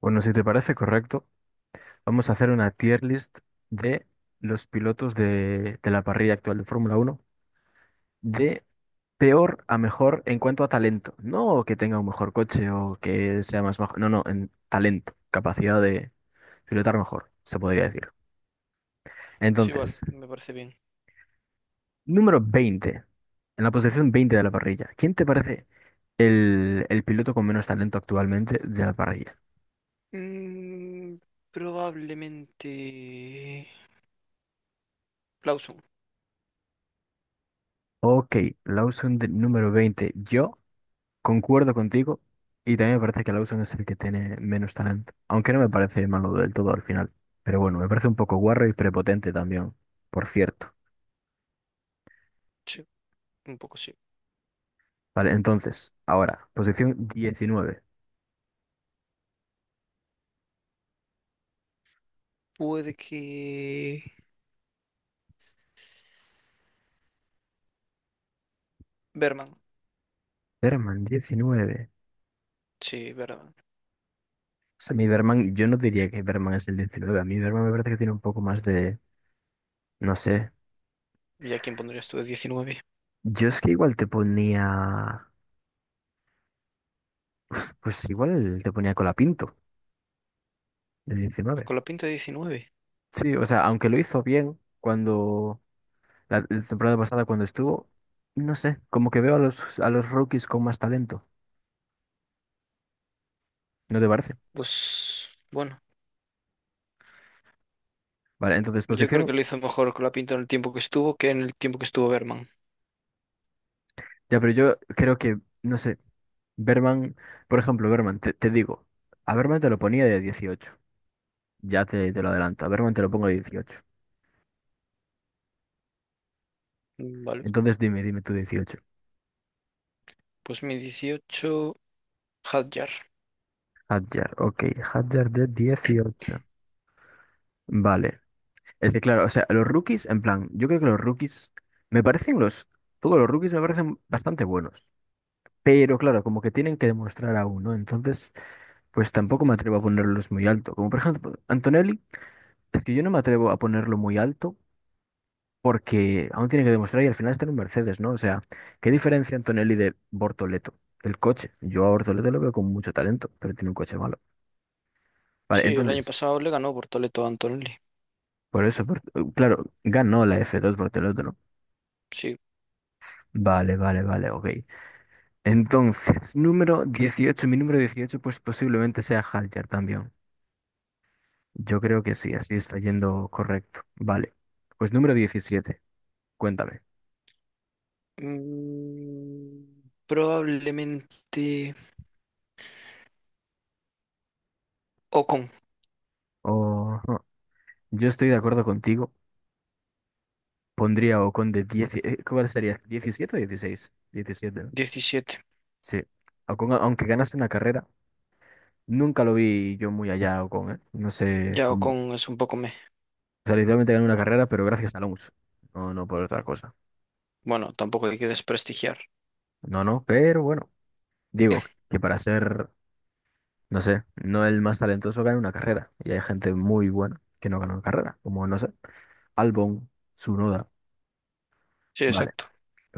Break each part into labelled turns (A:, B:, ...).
A: Bueno, si te parece correcto, vamos a hacer una tier list de los pilotos de la parrilla actual de Fórmula Uno de peor a mejor en cuanto a talento. No que tenga un mejor coche o que sea más bajo, no, no, en talento, capacidad de pilotar mejor, se podría decir.
B: Sí, vale,
A: Entonces,
B: me parece bien.
A: número 20, en la posición 20 de la parrilla, ¿quién te parece el piloto con menos talento actualmente de la parrilla?
B: Mm, probablemente Lawson.
A: Ok, Lawson de número 20. Yo concuerdo contigo y también me parece que Lawson es el que tiene menos talento, aunque no me parece malo del todo al final. Pero bueno, me parece un poco guarro y prepotente también, por cierto.
B: Sí, un poco sí.
A: Vale, entonces, ahora, posición 19.
B: Puede que Berman,
A: Berman, 19.
B: sí, Berman.
A: O sea, mi Berman, yo no diría que Berman es el 19. A mí Berman me parece que tiene un poco más de, no sé.
B: ¿Y a quién pondrías tú de diecinueve?
A: Yo es que igual te ponía, pues igual te ponía Colapinto, de 19.
B: ¿Con la pinta de diecinueve?
A: Sí, o sea, aunque lo hizo bien cuando la temporada pasada cuando estuvo, no sé, como que veo a los rookies con más talento, ¿no te parece?
B: Pues bueno,
A: Vale, entonces
B: yo creo que
A: posición,
B: lo hizo mejor con la pinta en el tiempo que estuvo que en el tiempo que estuvo Berman.
A: ya, pero yo creo que, no sé, Berman, por ejemplo, Berman, te digo, a Berman te lo ponía de 18. Ya te lo adelanto, a Berman te lo pongo de 18.
B: Vale,
A: Entonces dime tú 18.
B: pues mi 18 Hadjar.
A: Hadjar, ok, Hadjar de 18. Vale, es que claro, o sea, los rookies, en plan, yo creo que los rookies, me parecen todos los rookies me parecen bastante buenos. Pero claro, como que tienen que demostrar aún, no. Entonces pues tampoco me atrevo a ponerlos muy alto. Como por ejemplo, Antonelli, es que yo no me atrevo a ponerlo muy alto porque aún tiene que demostrar y al final está en un Mercedes, ¿no? O sea, ¿qué diferencia Antonelli de Bortoleto? El coche. Yo a Bortoleto lo veo con mucho talento, pero tiene un coche malo. Vale,
B: Sí, el año
A: entonces,
B: pasado le ganó por Toledo a Antonelli.
A: por eso, claro, ganó la F2 Bortoleto, ¿no?
B: Sí.
A: Vale, vale, vale, ok. Entonces, número 18, mi número 18 pues posiblemente sea Haljar también. Yo creo que sí, así está yendo correcto. Vale. Pues número 17, cuéntame.
B: Probablemente Ocon,
A: Oh, no, yo estoy de acuerdo contigo. Pondría a Ocon de 10. ¿Cuál sería? ¿17 o 16? 17, ¿no?
B: diecisiete.
A: Sí. Ocon, aunque ganase una carrera, nunca lo vi yo muy allá, a Ocon, ¿eh? No sé
B: Ya
A: cómo.
B: Ocon es un poco me.
A: O sea, literalmente ganó una carrera, pero gracias a Alonso. No, no por otra cosa.
B: Bueno, tampoco hay que desprestigiar.
A: No, no, pero bueno. Digo que para ser, no sé, no el más talentoso gana una carrera. Y hay gente muy buena que no gana una carrera, como no sé. Albon, Tsunoda,
B: Sí,
A: vale.
B: exacto.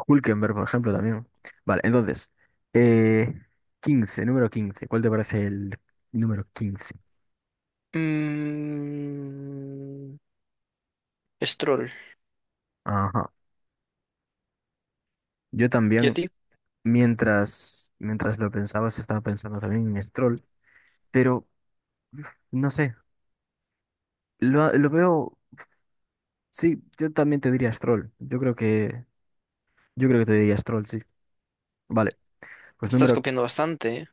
A: Hülkenberg, por ejemplo, también. Vale, entonces, eh, 15, número 15. ¿Cuál te parece el número 15?
B: Mm, Stroll.
A: Ajá. Yo
B: ¿Y a
A: también,
B: ti?
A: mientras lo pensabas, estaba pensando también en Stroll, pero no sé, lo veo, sí, yo también te diría Stroll. Yo creo que te diría Stroll, sí. Vale, pues
B: Estás
A: número,
B: copiando bastante, ¿eh?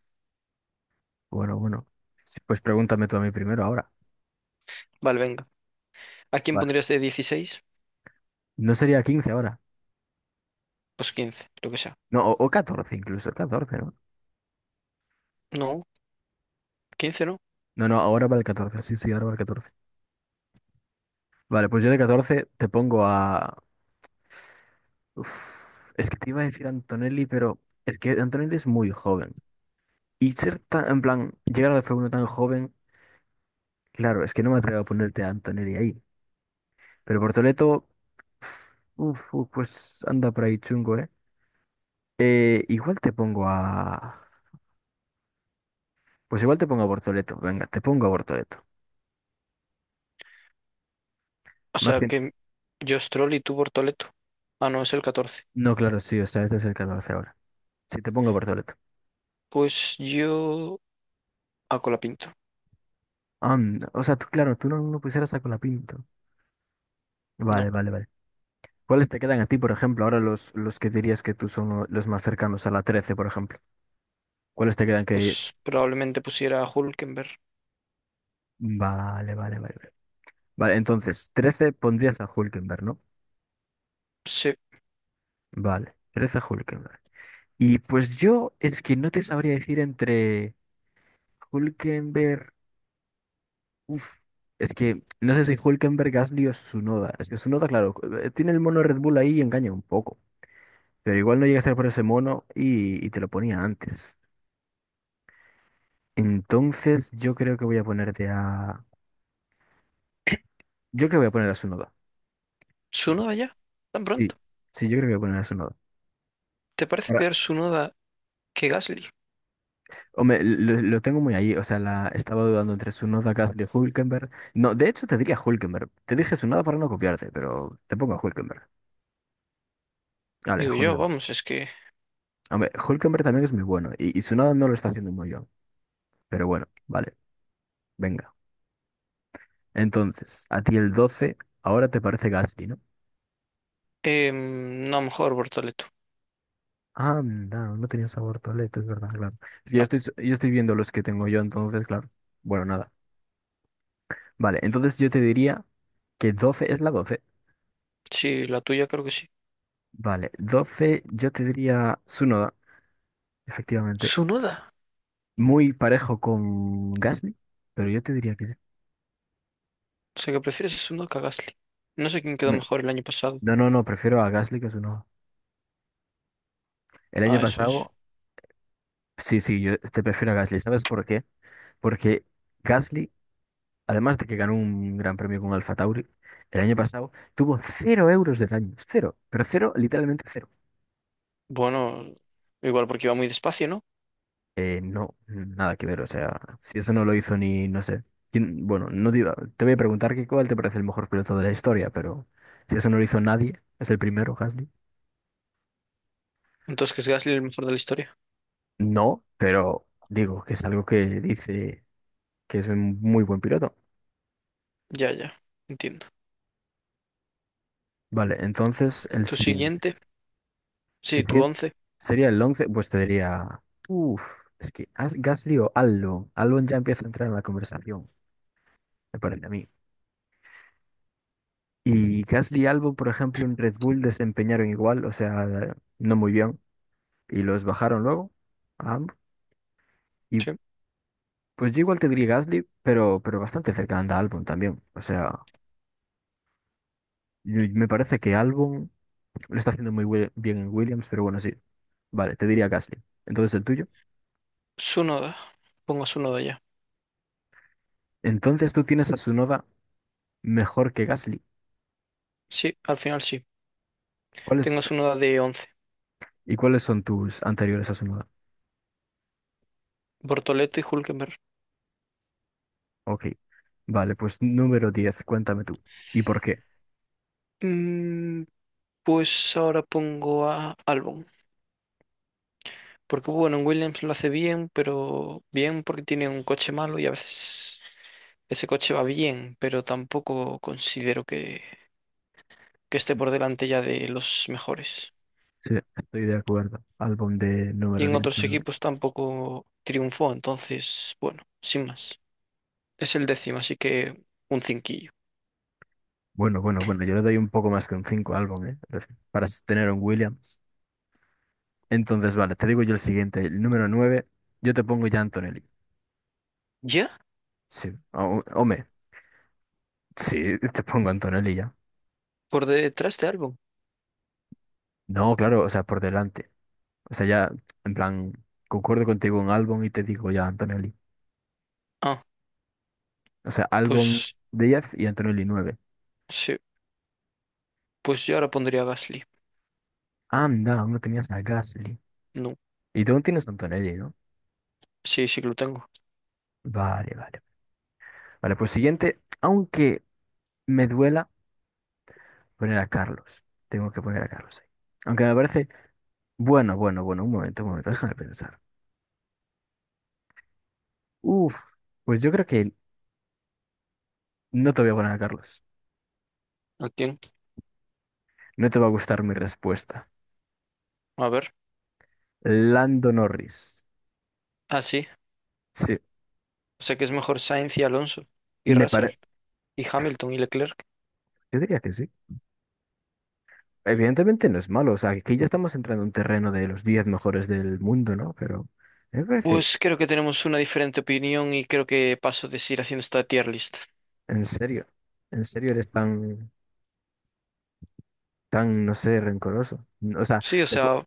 A: bueno, bueno, sí, pues pregúntame tú a mí primero ahora.
B: Vale, venga. ¿A quién
A: Vale,
B: pondrías de 16?
A: no sería 15 ahora,
B: Pues 15, lo que sea.
A: no, o 14 incluso, 14, ¿no?
B: No, quince no.
A: No, no, ahora para el 14 sí, sí, ahora para el 14. Vale, pues yo de 14 te pongo a. Uf, es que te iba a decir Antonelli, pero es que Antonelli es muy joven. Y ser tan, en plan, llegar a la F1 tan joven, claro, es que no me atrevo a ponerte a Antonelli ahí. Pero Portoleto, pues anda por ahí chungo, ¿eh? Igual te pongo a. Pues igual te pongo a Bortoleto, venga, te pongo a Bortoleto.
B: O
A: Más
B: sea
A: que.
B: que yo Stroll y tú Bortoleto. Ah, no, es el 14.
A: No, claro, sí, o sea, este es el 14 ahora. Sí, te pongo a Bortoleto.
B: Pues yo a Colapinto.
A: Ah, o sea, tú, claro, tú no pusieras a Colapinto.
B: No,
A: Vale, vale, vale. ¿Cuáles te quedan a ti, por ejemplo? Ahora los que dirías que tú son los más cercanos a la 13 por ejemplo. ¿Cuáles te quedan que.
B: pues probablemente pusiera a Hulkenberg.
A: Vale, vale, vale. Vale, vale, entonces, 13 pondrías a Hulkenberg, ¿no?
B: Se,
A: Vale, 13 a Hulkenberg. Y pues yo es que no te sabría decir entre Hulkenberg. Uf, es que no sé si Hulkenberg, Gasly o Tsunoda. Es que Tsunoda, claro, tiene el mono Red Bull ahí y engaña un poco. Pero igual no llega a ser por ese mono y te lo ponía antes. Entonces, yo creo que voy a ponerte a. Yo creo que voy a poner a Sunoda.
B: Tsunoda ya, tan
A: Sí,
B: pronto.
A: sí, yo creo que voy a poner a Sunoda.
B: ¿Te parece
A: Ahora,
B: peor Tsunoda que Gasly?
A: hombre, lo tengo muy ahí. O sea, estaba dudando entre Sunoda, Gasly, Hulkenberg. No, de hecho, te diría Hulkenberg. Te dije Sunoda para no copiarte, pero te pongo a Hulkenberg. Vale,
B: Digo yo,
A: Hulkenberg.
B: vamos, es que...
A: Hombre, Hulkenberg también es muy bueno. Y Tsunoda no lo está haciendo muy bien. Pero bueno, vale, venga. Entonces, a ti el 12 ahora te parece Gasly, ¿no?
B: no, mejor Bortoleto.
A: Ah, no, no tenía sabor paleta, es verdad, claro. Es que yo
B: No,
A: estoy, yo estoy viendo los que tengo yo, entonces, claro. Bueno, nada. Vale, entonces yo te diría que 12 es la 12.
B: sí, la tuya creo que sí.
A: Vale, 12 yo te diría Tsunoda, efectivamente.
B: Tsunoda.
A: Muy parejo con Gasly, pero yo te diría que.
B: O sea que prefieres a Tsunoda que a Gasly. No sé quién quedó
A: Me-
B: mejor el año pasado.
A: No, no, no, prefiero a Gasly que a Tsunoda. El año
B: Ah, eso es.
A: pasado, sí, sí, yo te prefiero a Gasly. ¿Sabes por qué? Porque Gasly, además de que ganó un gran premio con Alfa Tauri, el año pasado tuvo 0 euros de daño. Cero, pero cero, literalmente cero.
B: Bueno, igual porque iba muy despacio, ¿no?
A: No, nada que ver, o sea, si eso no lo hizo ni, no sé. Bueno, no te iba- te voy a preguntar que cuál te parece el mejor piloto de la historia, pero si eso no lo hizo nadie, es el primero, Gasly.
B: Entonces que es Gasly el mejor de la historia.
A: No, pero digo que es algo que dice que es un muy buen piloto.
B: Ya, ya, entiendo.
A: Vale, entonces el
B: Tu
A: siguiente.
B: siguiente, sí,
A: El
B: tu
A: siguiente
B: once.
A: sería el 11, pues te diría, uff, es que Gasly o Albon. Albon ya empieza a entrar en la conversación, me parece a mí. Y Gasly y Albon, por ejemplo, en Red Bull desempeñaron igual, o sea, no muy bien. Y los bajaron luego a ambos. Y
B: Sí.
A: pues yo igual te diría Gasly, pero bastante cerca anda Albon también. O sea, me parece que Albon lo está haciendo muy bien en Williams, pero bueno, sí. Vale, te diría Gasly. Entonces el tuyo.
B: Tsunoda. Pongo a Tsunoda ya.
A: Entonces tú tienes a Tsunoda mejor que Gasly.
B: Sí, al final sí.
A: ¿Cuáles,
B: Tengo su uno de once.
A: y cuáles son tus anteriores a Tsunoda?
B: Bortoleto y Hulkenberg.
A: Ok. Vale, pues número 10, cuéntame tú. ¿Y por qué?
B: Mm, pues ahora pongo a Albon. Porque bueno, en Williams lo hace bien, pero bien porque tiene un coche malo y a veces ese coche va bien, pero tampoco considero que esté por delante ya de los mejores.
A: Sí, estoy de acuerdo. Álbum de
B: Y
A: número
B: en
A: 10,
B: otros
A: ¿no?
B: equipos tampoco triunfó, entonces, bueno, sin más. Es el décimo, así que un cinquillo.
A: Bueno, bueno, bueno, yo le doy un poco más que un 5 álbum, ¿eh? Para tener un Williams. Entonces, vale, te digo yo el siguiente, el número 9, yo te pongo ya Antonelli.
B: ¿Ya?
A: Sí, hombre, sí, te pongo Antonelli ya.
B: ¿Por detrás de Albon?
A: No, claro, o sea, por delante. O sea, ya, en plan, concuerdo contigo en Albon y te digo ya Antonelli.
B: Ah,
A: O sea, Albon
B: pues
A: 10 y Antonelli 9.
B: sí, pues yo ahora pondría a Gasly.
A: Anda, aún no tenías a Gasly.
B: No.
A: Y tú aún tienes a Antonelli, ¿no?
B: Sí, sí que lo tengo.
A: Vale, vale. Vale, pues siguiente, aunque me duela poner a Carlos. Tengo que poner a Carlos ahí. Aunque me parece, bueno, bueno, bueno, un momento, déjame pensar. Uf, pues yo creo que no te voy a poner a Carlos.
B: Lo
A: No te va a gustar mi respuesta.
B: a ver.
A: Lando Norris.
B: Ah, sí.
A: Sí,
B: O sea que es mejor Sainz y Alonso. Y
A: me parece.
B: Russell. Y Hamilton y Leclerc.
A: Yo diría que sí. Evidentemente no es malo. O sea, aquí ya estamos entrando en un terreno de los 10 mejores del mundo, ¿no? Pero me parece,
B: Pues creo que tenemos una diferente opinión y creo que paso de seguir haciendo esta tier list.
A: en serio, en serio eres tan, no sé, rencoroso. No, o sea,
B: Sí, o sea,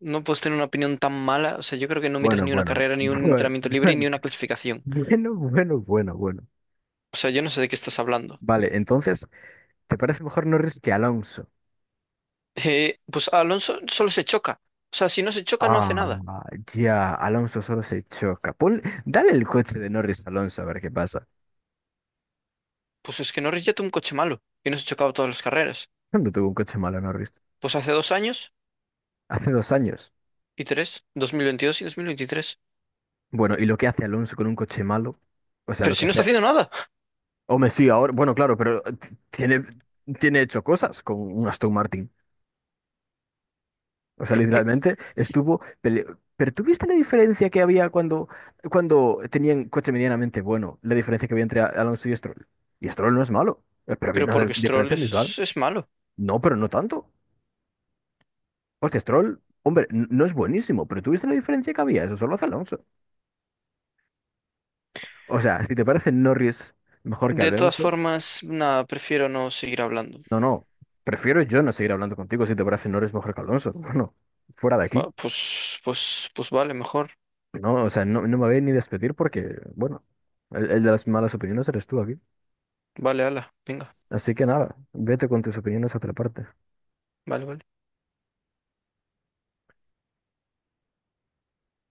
B: no puedes tener una opinión tan mala. O sea, yo creo que no miras
A: bueno,
B: ni una
A: bueno,
B: carrera, ni un
A: bueno,
B: entrenamiento libre, ni una clasificación.
A: bueno, bueno, bueno, bueno, bueno.
B: O sea, yo no sé de qué estás hablando.
A: Vale, entonces, ¿te parece mejor Norris que Alonso?
B: Pues Alonso solo se choca. O sea, si no se choca, no hace
A: Ah,
B: nada.
A: ya, Alonso solo se choca. Dale el coche de Norris a Alonso a ver qué pasa.
B: Pues es que Norris ya tuvo un coche malo y no se chocaba todas las carreras.
A: ¿Cuándo tuvo un coche malo Norris?
B: Pues hace dos años
A: Hace 2 años.
B: y tres, 2022 y 2023.
A: Bueno, ¿y lo que hace Alonso con un coche malo? O sea,
B: Pero
A: lo
B: si
A: que
B: no
A: hace.
B: está haciendo nada.
A: Hombre, sí, ahora. Bueno, claro, pero tiene hecho cosas con un Aston Martin. O sea, literalmente estuvo. Pero ¿tú viste la diferencia que había cuando tenían coche medianamente bueno? La diferencia que había entre Alonso y Stroll. Y Stroll no es malo, pero había
B: Pero
A: una
B: porque
A: diferencia visual.
B: es malo.
A: No, pero no tanto. Hostia, Stroll, hombre, no es buenísimo, pero ¿tuviste la diferencia que había? Eso solo hace Alonso. O sea, si te parece Norris mejor que
B: De todas
A: Alonso,
B: formas, nada, prefiero no seguir hablando.
A: no, no, prefiero yo no seguir hablando contigo si te parece Norris mejor que Alonso. Bueno, fuera de
B: Va,
A: aquí.
B: pues vale, mejor.
A: No, o sea, no, no me voy ni despedir porque, bueno, el de las malas opiniones eres tú aquí.
B: Vale, ala, venga,
A: Así que nada, vete con tus opiniones a otra parte.
B: vale, vale.